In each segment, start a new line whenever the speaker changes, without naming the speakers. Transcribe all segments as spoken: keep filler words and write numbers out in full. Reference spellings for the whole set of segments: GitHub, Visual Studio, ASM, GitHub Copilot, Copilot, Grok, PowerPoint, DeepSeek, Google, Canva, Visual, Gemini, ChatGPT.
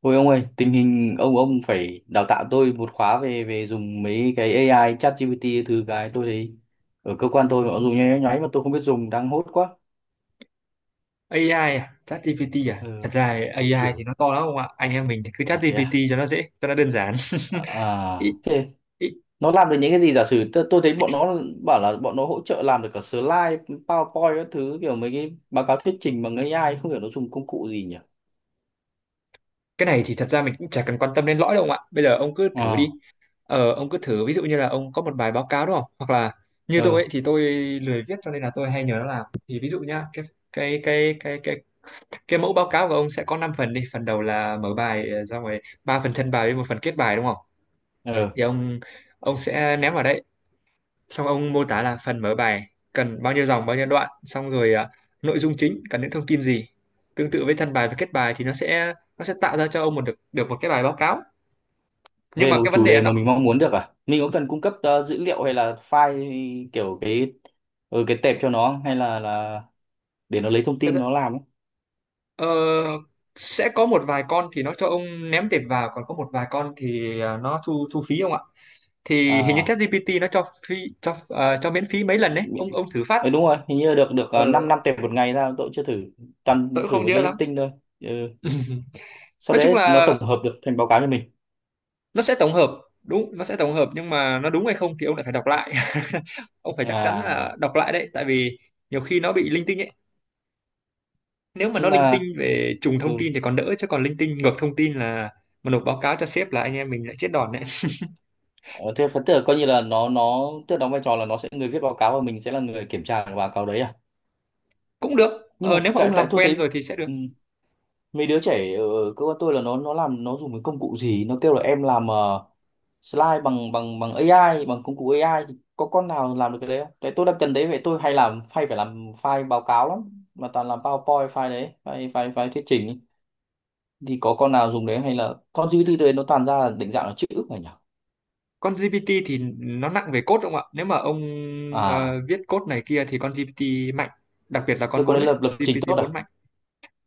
Ôi ông ơi, tình hình ông ông phải đào tạo tôi một khóa về về dùng mấy cái a i, ChatGPT thứ cái tôi thấy ở cơ quan tôi họ dùng nháy nháy mà tôi không biết dùng đang hốt quá.
a i à? ChatGPT à? Thật
Ừ,
ra
kiểu
a i thì
kiểu
nó to lắm không ạ? Anh em mình thì cứ
là thế
ChatGPT
à?
cho nó dễ, cho nó đơn giản. Ý,
À, thế
ý,
nó làm được những cái gì giả sử tôi, tôi thấy bọn nó bảo là bọn nó hỗ trợ làm được cả slide, PowerPoint các thứ kiểu mấy cái báo cáo thuyết trình bằng a i không hiểu nó dùng công cụ gì nhỉ?
Cái này thì thật ra mình cũng chả cần quan tâm đến lõi đâu ông ạ. Bây giờ ông cứ thử
À,
đi. Ờ, ông cứ thử ví dụ như là ông có một bài báo cáo, đúng không? Hoặc là như tôi
ờ,
ấy thì tôi lười viết cho nên là tôi hay nhờ nó làm. Thì ví dụ nhá, cái cái cái cái cái cái mẫu báo cáo của ông sẽ có năm phần đi. Phần đầu là mở bài, ờ, xong rồi ba phần thân bài với một phần kết bài, đúng không?
ờ.
Thì ông ông sẽ ném vào đấy, xong ông mô tả là phần mở bài cần bao nhiêu dòng, bao nhiêu đoạn, xong rồi à, nội dung chính cần những thông tin gì, tương tự với thân bài và kết bài. Thì nó sẽ nó sẽ tạo ra cho ông một được được một cái bài báo cáo, nhưng
Về
mà
một
cái vấn
chủ
đề là
đề
nó
mà mình mong muốn được, à mình có cần cung cấp ờ, dữ liệu hay là file kiểu cái, ừ, cái tệp cho nó không? Hay là là để nó lấy thông
thật
tin
ra-
nó làm ấy?
ờ, sẽ có một vài con thì nó cho ông ném tiền vào, còn có một vài con thì à, nó thu thu phí không ạ. Thì hình như
à
ChatGPT nó cho phí, cho ờ, cho miễn phí mấy lần đấy,
mình-
ông ông thử phát.
Ê, đúng rồi hình như được được 5 năm năm
ờ
tệp một ngày, ra tôi cũng chưa thử,
tôi
toàn
cũng
thử
không
mấy
nhớ
cái
lắm.
linh tinh thôi. Ừ, sau
Nói chung
đấy nó
là
tổng hợp được thành báo cáo cho mình
nó sẽ tổng hợp. Đúng, nó sẽ tổng hợp, nhưng mà nó đúng hay không thì ông lại phải đọc lại. Ông phải chắc chắn là
à?
đọc lại đấy, tại vì nhiều khi nó bị linh tinh ấy. Nếu mà nó
Nhưng
linh tinh
mà
về trùng
ừ,
thông tin thì còn đỡ, chứ còn linh tinh ngược thông tin là mà nộp báo cáo cho sếp là anh em mình lại chết đòn đấy.
ờ, thế phần tức coi như là nó nó tức đóng vai trò là nó sẽ người viết báo cáo và mình sẽ là người kiểm tra cái báo cáo đấy à?
Cũng được.
Nhưng
Ờ,
mà
nếu mà ông
tại
làm
tại tôi
quen rồi
thấy
thì sẽ được.
ừ, mấy đứa trẻ ở ở cơ quan tôi là nó nó làm nó dùng cái công cụ gì nó kêu là em làm ờ, slide bằng bằng bằng a i bằng công cụ a i thì có con nào làm được cái đấy không? Đấy tôi đang cần đấy, vậy tôi hay làm file, phải làm file báo cáo lắm mà toàn làm PowerPoint file đấy, file file file thuyết trình ấy. Thì có con nào dùng đấy hay là con gi pi ti đấy nó toàn ra là định dạng là chữ phải nhỉ?
Con giê pê tê thì nó nặng về code, đúng không ạ? Nếu mà ông
À
ờ, viết code này kia thì con giê pê tê mạnh, đặc biệt là
tôi
con
có
bốn
nên
ấy.
lập lập trình
GPT
tốt à?
bốn mạnh,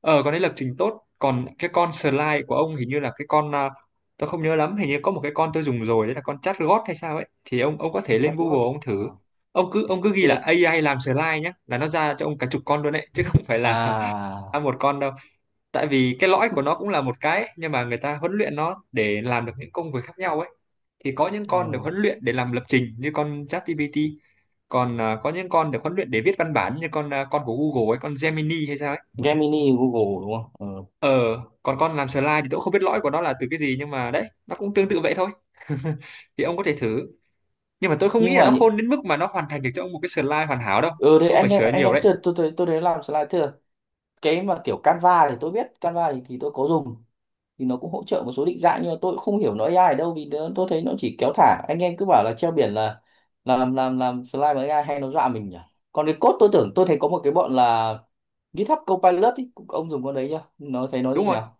ờ con ấy lập trình tốt. Còn cái con slide của ông hình như là cái con à, tôi không nhớ lắm, hình như có một cái con tôi dùng rồi đấy là con chatbot hay sao ấy. Thì ông ông có thể
Chắc
lên
tốt.
Google ông
À,
thử. Ông cứ ông cứ ghi
tức
là
là
a i làm slide nhá là nó ra cho ông cả chục con luôn đấy, chứ không phải là ra
à
một con đâu. Tại vì cái lõi của nó cũng là một cái ấy, nhưng mà người ta huấn luyện nó để làm được những công việc khác nhau ấy. Thì có những con được
ừ.
huấn luyện để làm lập trình như con ChatGPT, còn à, có những con được huấn luyện để viết văn bản như con à, con của Google ấy, con Gemini hay sao ấy.
Gemini Google đúng không? Ừ.
Ờ, Còn con làm slide thì tôi cũng không biết lõi của nó là từ cái gì, nhưng mà đấy, nó cũng tương tự vậy thôi. Thì ông có thể thử. Nhưng mà tôi không nghĩ
Nhưng
là
mà
nó
những-
khôn đến mức mà nó hoàn thành được cho ông một cái slide hoàn hảo đâu.
ừ đấy,
Ông phải
anh em
sửa
anh
nhiều
em
đấy.
tôi tôi tôi, tôi đấy làm slide thưa, cái mà kiểu Canva thì tôi biết Canva thì, thì tôi có dùng, thì nó cũng hỗ trợ một số định dạng nhưng mà tôi cũng không hiểu nó a i ở đâu vì nó, tôi thấy nó chỉ kéo thả, anh em cứ bảo là treo biển là là làm làm làm slide bằng a i hay nó dọa mình nhỉ. Còn cái code tôi tưởng tôi thấy có một cái bọn là GitHub Copilot ý, cũng- ông dùng con đấy chưa, nó thấy nó
Đúng
như
rồi.
nào.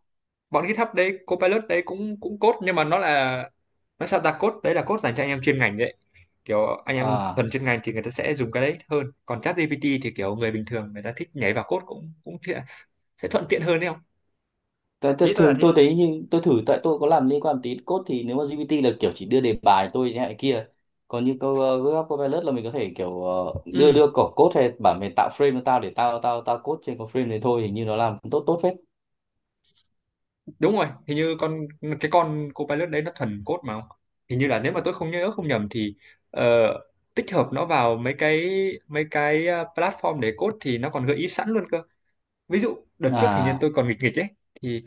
Bọn GitHub đấy, Copilot đấy cũng cũng code, nhưng mà nó là nó sao ta code, đấy là code dành cho anh em chuyên ngành đấy. Kiểu anh em
À
thuần chuyên ngành thì người ta sẽ dùng cái đấy hơn. Còn ChatGPT thì kiểu người bình thường người ta thích nhảy vào code cũng cũng thiện- sẽ thuận tiện hơn đấy không?
Tại- tại
Ý tôi là
thường
thế.
tôi thấy như tôi thử, tại tôi có làm liên quan tí code thì nếu mà gi pi ti là kiểu chỉ đưa đề bài tôi thế này kia, còn như câu uh, Google Copilot là mình có thể kiểu ờ, đưa
Ừ.
đưa cỏ code hay bản mềm, tạo frame cho tao để tao tao tao code trên cái frame đấy thôi, hình như nó làm cũng tốt tốt phết.
Đúng rồi, hình như con cái con Copilot đấy nó thuần code mà không. Hình như là nếu mà tôi không nhớ không nhầm thì ờ, tích hợp nó vào mấy cái mấy cái ờ, platform để code thì nó còn gợi ý sẵn luôn cơ. Ví dụ đợt trước hình như
À
tôi còn nghịch nghịch ấy. Thì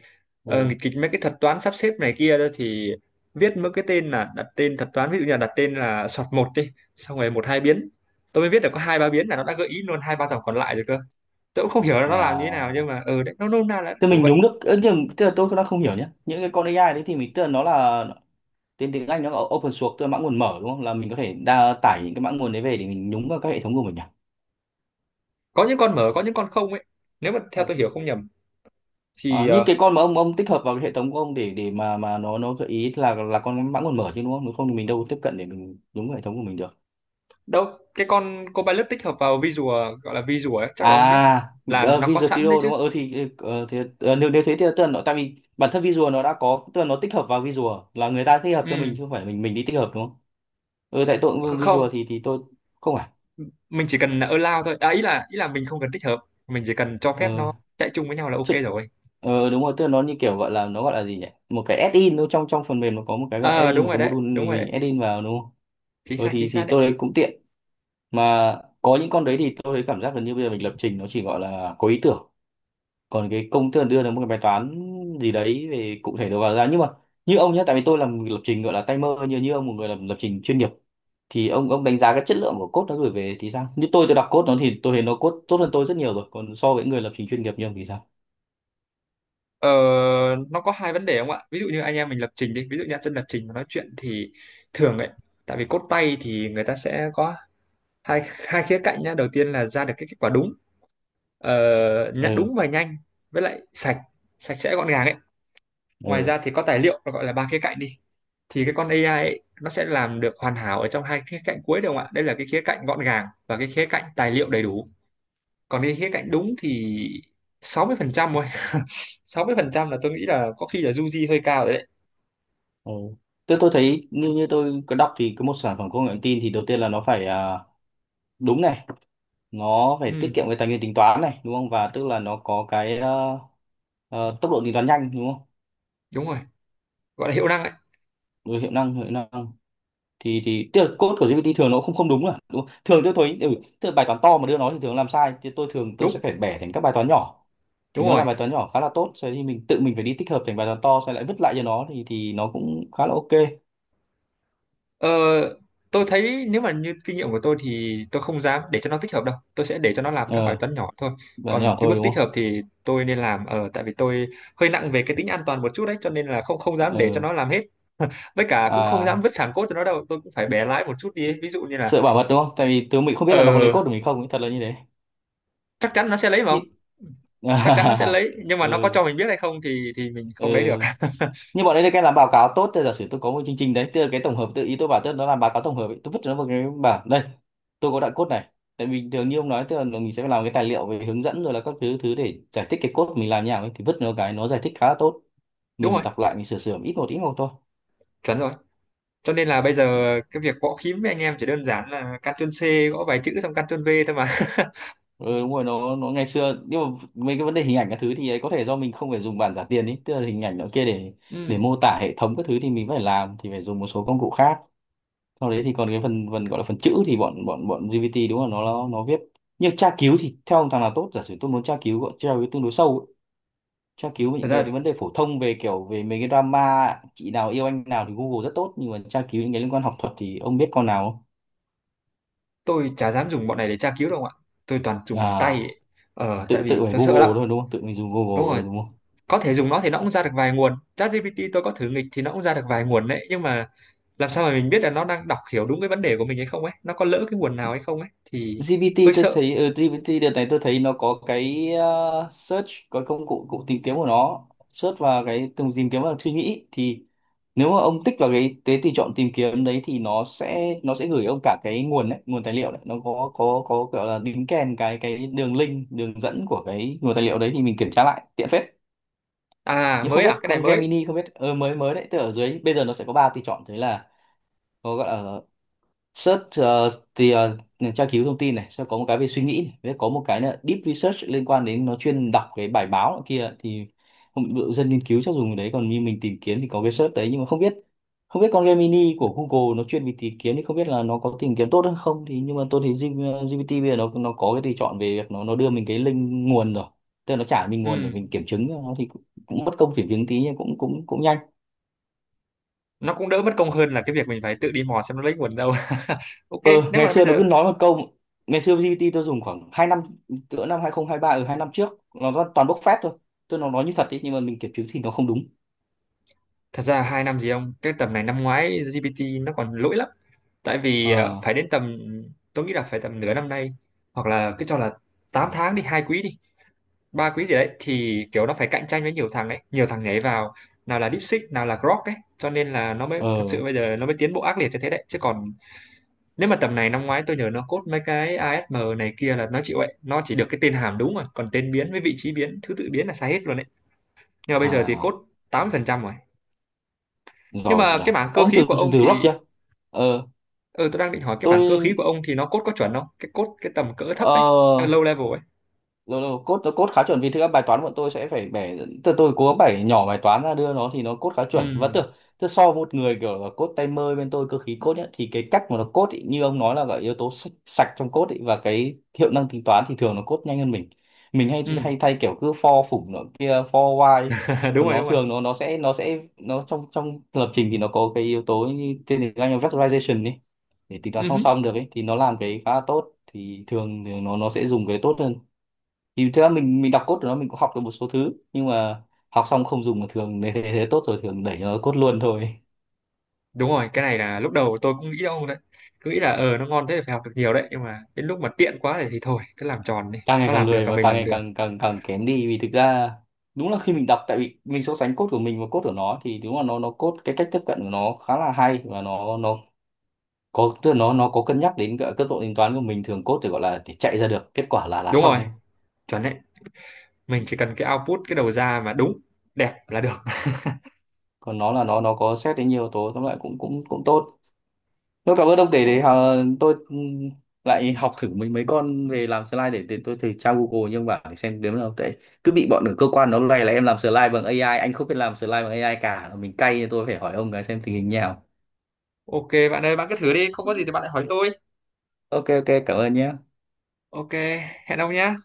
ờ,
ừ
nghịch nghịch mấy cái thuật toán sắp xếp này kia đó, thì viết mấy cái tên là đặt tên thuật toán, ví dụ như là đặt tên là sort một đi, xong rồi một hai biến, tôi mới viết được có hai ba biến là nó đã gợi ý luôn hai ba dòng còn lại rồi cơ. Tôi cũng không hiểu là nó làm như thế nào,
à
nhưng mà ừ đấy, nó nôm na là
thế
kiểu
mình
vậy.
nhúng được ơ, nhưng tức là tôi đang không hiểu nhé, những cái con a i đấy thì mình tức là nó là tên tiếng Anh nó là open source tức là mã nguồn mở đúng không, là mình có thể đa tải những cái mã nguồn đấy về để mình nhúng vào các hệ thống của mình à.
Có những con mở, có những con không ấy. Nếu mà theo tôi hiểu không nhầm
À,
thì
như
ờ,
cái con mà ông ông tích hợp vào cái hệ thống của ông để để mà mà nó nó gợi ý là là con mã nguồn mở chứ đúng không? Nếu không thì mình đâu tiếp cận để mình đúng hệ thống của mình được.
đâu, cái con Copilot tích hợp vào Visual, gọi là Visual ấy chắc
À,
là ông biết, là
ờ,
nó có
Visual
sẵn đấy
Studio
chứ.
đúng không? Ừ thì ờ, thì ờ, nếu nếu thế thì tức là nó tại vì bản thân Visual nó đã có, tức là nó tích hợp vào Visual là người ta tích hợp cho mình
Ừ.
chứ không phải mình mình đi tích hợp đúng không? Ừ tại tôi cũng
kh-
dùng
không
Visual thì thì tôi không phải.
mình chỉ cần là allow thôi à, ý là ý là mình không cần tích hợp, mình chỉ cần cho phép
Ờ
nó chạy chung với nhau là ok
chứ-
rồi.
ờ, đúng rồi tức là nó như kiểu gọi là nó gọi là gì nhỉ? Một cái add-in, nó trong trong phần mềm nó có một cái gọi
ờ
add-in,
Đúng
một
rồi
cái
đấy,
module
đúng
mình
rồi
mình
đấy,
add-in vào đúng không?
chính
Ừ,
xác chính
thì
xác
thì
đấy.
tôi thấy cũng tiện mà, có những con đấy thì tôi thấy cảm giác gần như bây giờ mình lập trình nó chỉ gọi là có ý tưởng, còn cái công thức đưa được một cái bài toán gì đấy về cụ thể đầu vào ra, nhưng mà như ông nhé, tại vì tôi làm lập trình gọi là tay mơ, như như ông một người làm lập trình chuyên nghiệp thì ông ông đánh giá cái chất lượng của code nó gửi về thì sao, như tôi tôi đọc code nó thì tôi thấy nó code tốt hơn tôi rất nhiều rồi, còn so với người lập trình chuyên nghiệp như ông thì sao?
ờ, nó có hai vấn đề không ạ. Ví dụ như anh em mình lập trình đi, ví dụ như chân lập trình mà nói chuyện thì thường ấy, tại vì code tay thì người ta sẽ có hai hai khía cạnh nhá. Đầu tiên là ra được cái kết quả đúng, ờ, nhã-
Ừ
đúng và nhanh, với lại sạch sạch sẽ gọn gàng ấy. Ngoài
ừ
ra thì có tài liệu, nó gọi là ba khía cạnh đi. Thì cái con a i ấy, nó sẽ làm được hoàn hảo ở trong hai khía cạnh cuối được không ạ, đây là cái khía cạnh gọn gàng và cái khía cạnh tài liệu đầy đủ. Còn cái khía cạnh đúng thì sáu mươi phần trăm thôi. Sáu mươi phần trăm là tôi nghĩ là có khi là du di hơi cao rồi đấy.
ừ tôi tôi thấy như như tôi có đọc thì cái một sản phẩm công nghệ thông tin thì đầu tiên là nó phải à, đúng này, nó phải
Ừ,
tiết kiệm cái tài nguyên tính toán này đúng không, và tức là nó có cái ờ, ờ, tốc độ tính toán nhanh đúng không.
đúng rồi, gọi là hiệu năng ấy.
Rồi hiệu năng, hiệu năng thì thì tức là code của gi pi ti thường nó không không đúng là đúng không? Thường tôi thấy ừ, tức là bài toán to mà đưa nó thì thường làm sai, thì tôi thường tôi
Đúng,
sẽ phải bẻ thành các bài toán nhỏ thì
đúng
nó là
rồi.
bài toán nhỏ khá là tốt, sau thì mình tự mình phải đi tích hợp thành bài toán to xong lại vứt lại cho nó thì thì nó cũng khá là ok.
Ờ, tôi thấy nếu mà như kinh nghiệm của tôi thì tôi không dám để cho nó tích hợp đâu. Tôi sẽ để cho nó làm các bài
Ờ
toán nhỏ thôi.
bài
Còn
nhỏ
cái
thôi
bước
đúng
tích
không.
hợp thì tôi nên làm ở, tại vì tôi hơi nặng về cái tính an toàn một chút đấy, cho nên là không không dám để cho
Ờ
nó làm hết. Với cả cũng không dám
à
vứt thẳng cốt cho nó đâu, tôi cũng phải bẻ lái một chút đi. ấy. Ví dụ như là
sợ bảo mật đúng không, tại vì tôi mình không biết là nó có lấy
ờ
code của mình không ấy, thật là như thế.
chắc chắn nó sẽ lấy mà không?
Nhị-
Chắc chắn nó sẽ lấy, nhưng mà nó có
ừ.
cho mình biết hay không thì thì mình không lấy được.
Ừ. Nhưng bọn đấy được cái làm báo cáo tốt, thì giả sử tôi có một chương trình đấy tức là cái tổng hợp tự ý tôi bảo, tức là nó làm báo cáo tổng hợp ấy, tôi vứt cho nó vào cái bản đây, tôi có đoạn code này, tại vì thường như ông nói tức là mình sẽ phải làm cái tài liệu về hướng dẫn rồi là các thứ thứ để giải thích cái code mình làm như nào ấy, thì vứt nó cái nó giải thích khá là tốt,
Đúng rồi,
mình đọc lại mình sửa sửa ít một ít một thôi.
chuẩn rồi. Cho nên là bây giờ cái việc gõ phím với anh em chỉ đơn giản là Ctrl C, gõ vài chữ, xong Ctrl V thôi mà.
Ừ, đúng rồi nó nó ngày xưa nhưng mà mấy cái vấn đề hình ảnh các thứ thì ấy có thể do mình không phải dùng bản giả tiền ý, tức là hình ảnh nó kia để để
ừ
mô tả hệ thống các thứ thì mình phải làm thì phải dùng một số công cụ khác, sau đấy thì còn cái phần phần gọi là phần chữ thì bọn bọn bọn gi pi ti đúng là nó nó nó viết, nhưng tra cứu thì theo ông thằng nào tốt, giả sử tôi muốn tra cứu gọi tra cứu tương đối sâu ấy. Tra cứu về
Thật
những cái
ra
vấn đề phổ thông về kiểu về mấy cái drama chị nào yêu anh nào thì Google rất tốt, nhưng mà tra cứu những cái liên quan học thuật thì ông biết con nào không?
tôi chả dám dùng bọn này để tra cứu đâu ạ, tôi toàn dùng
À
bằng tay ấy. Ờ tại
tự tự
vì
phải
tôi sợ lắm.
Google thôi đúng không, tự mình dùng
Đúng
Google
rồi,
rồi đúng không.
có thể dùng nó thì nó cũng ra được vài nguồn. ChatGPT tôi có thử nghịch thì nó cũng ra được vài nguồn đấy, nhưng mà làm sao mà mình biết là nó đang đọc hiểu đúng cái vấn đề của mình hay không ấy, nó có lỡ cái nguồn nào hay không ấy thì
gi pi ti
hơi
tôi
sợ.
thấy ở gi pi ti đợt này tôi thấy nó có cái ờ, search, có công cụ cụ tìm kiếm của nó, search và cái từng tìm kiếm và suy nghĩ thì nếu mà ông tích vào cái cái tùy chọn tìm kiếm đấy thì nó sẽ nó sẽ gửi ông cả cái nguồn đấy nguồn tài liệu đấy, nó có có có kiểu là đính kèm cái cái đường link, đường dẫn của cái nguồn tài liệu đấy thì mình kiểm tra lại tiện phết.
À,
Nhưng không
mới. À,
biết
cái này
con
mới.
Gemini không biết ờ, mới mới đấy tức ở dưới bây giờ nó sẽ có ba tùy chọn thế là có gọi là Search ờ, thì ờ, tra cứu thông tin này, sẽ có một cái về suy nghĩ này, với có một cái là deep research liên quan đến nó chuyên đọc cái bài báo nọ kia thì không- ví dụ dân nghiên cứu chắc dùng cái đấy, còn như mình tìm kiếm thì có cái search đấy, nhưng mà không biết không biết con Gemini của Google nó chuyên về tìm kiếm thì không biết là nó có tìm kiếm tốt hay không thì, nhưng mà tôi thấy G- gi pi ti bây giờ nó nó có cái tùy chọn về việc nó nó đưa mình cái link nguồn rồi, tức là nó trả mình nguồn để
ừ
mình kiểm chứng cho nó thì cũng, cũng mất công kiểm chứng tí nhưng cũng cũng cũng nhanh.
nó cũng đỡ mất công hơn là cái việc mình phải tự đi mò xem nó lấy nguồn đâu. Ok.
Ờ,
nếu
ngày
mà bây
xưa nó
giờ
cứ nói một câu, ngày xưa gi pi ti tôi dùng khoảng hai năm, cỡ năm hai không hai ba, ở hai năm trước nó toàn toàn bốc phét thôi, tôi nó nói như thật ý, nhưng mà mình kiểm chứng thì nó không đúng.
Thật ra hai năm gì không, cái tầm này năm ngoái giê pê tê nó còn lỗi lắm. Tại vì ờ,
Ờ
phải đến tầm tôi nghĩ là phải tầm nửa năm nay, hoặc là cứ cho là tám tháng đi, hai quý đi, ba quý gì đấy, thì kiểu nó phải cạnh tranh với nhiều thằng ấy, nhiều thằng nhảy vào, nào là DeepSeek, nào là Grok ấy, cho nên là nó mới thật sự
ờ
bây giờ nó mới tiến bộ ác liệt như thế đấy. Chứ còn nếu mà tầm này năm ngoái, tôi nhớ nó code mấy cái a ét em này kia là nó chịu ấy, nó chỉ được cái tên hàm đúng rồi, còn tên biến với vị trí biến, thứ tự biến là sai hết luôn đấy. Nhưng mà bây giờ thì code
à
tám mươi phần trăm rồi. Nhưng
giỏi
mà
nhỉ.
cái mảng cơ
Ông
khí
thử
của
thử,
ông
thử
thì
rock chưa. Ờ
ừ tôi đang định hỏi cái mảng cơ khí
tôi
của ông thì nó cốt có chuẩn không, cái cốt cái tầm cỡ thấp
ờ
ấy, low level ấy.
lâu lâu code code khá chuẩn vì thực ra bài toán bọn tôi sẽ phải bẻ, từ tôi cố gắng bẻ nhỏ bài toán ra đưa nó thì nó code khá chuẩn, và
Ừ,
tưởng tức so với một người kiểu là code tay mơ bên tôi cơ khí code ấy, thì cái cách mà nó code ý, như ông nói là gọi yếu tố sạch, sạch trong code ý, và cái hiệu năng tính toán thì thường nó code nhanh hơn mình mình hay
ừ.
hay thay kiểu cứ for phủng nó kia for while,
Đúng
còn
rồi,
nó
đúng rồi.
thường nó nó sẽ nó sẽ nó trong trong lập trình thì nó có cái yếu tố như tên tiếng Anh là vectorization ấy, để tính toán
Ừ.
song
Hứ.
song được ấy thì nó làm cái khá là tốt, thì thường thì nó nó sẽ dùng cái tốt hơn, thì thực ra mình mình đọc code của nó mình cũng học được một số thứ nhưng mà học xong không dùng, mà thường nếu thế, thế tốt rồi thường đẩy nó code luôn thôi.
Đúng rồi, cái này là lúc đầu tôi cũng nghĩ ông đấy, cứ nghĩ là ờ nó ngon thế thì phải học được nhiều đấy, nhưng mà đến lúc mà tiện quá thì, thì thôi cứ làm tròn đi,
càng ngày
nó
càng
làm được
lười
là
và
mình
càng
làm
ngày
được.
càng càng càng kém đi vì thực ra đúng là khi mình đọc tại vì mình so sánh code của mình và code của nó thì đúng là nó nó code cái cách tiếp cận của nó khá là hay, và nó nó có tức là nó nó có cân nhắc đến cả cấp độ tính toán của mình, thường code thì gọi là để chạy ra được kết quả là là
Đúng
xong
rồi,
thôi,
chuẩn đấy, mình chỉ cần cái output, cái đầu ra mà đúng đẹp là được.
còn nó là nó nó có xét đến nhiều yếu tố, tóm lại cũng cũng cũng tốt. Thôi cảm ơn ông để
Ồ,
để ờ, tôi ừm, lại học thử mấy mấy con về làm slide để, để tôi thử tra Google nhưng mà để xem đếm nào tệ, cứ bị bọn ở cơ quan nó này là em làm slide bằng a i anh không biết làm slide bằng a i cả mình cay nên tôi phải hỏi ông cái xem tình hình như nào.
ok bạn ơi, bạn cứ thử đi, không có gì thì bạn lại hỏi tôi.
Ok ok cảm ơn nhé.
Ok, hẹn ông nhé.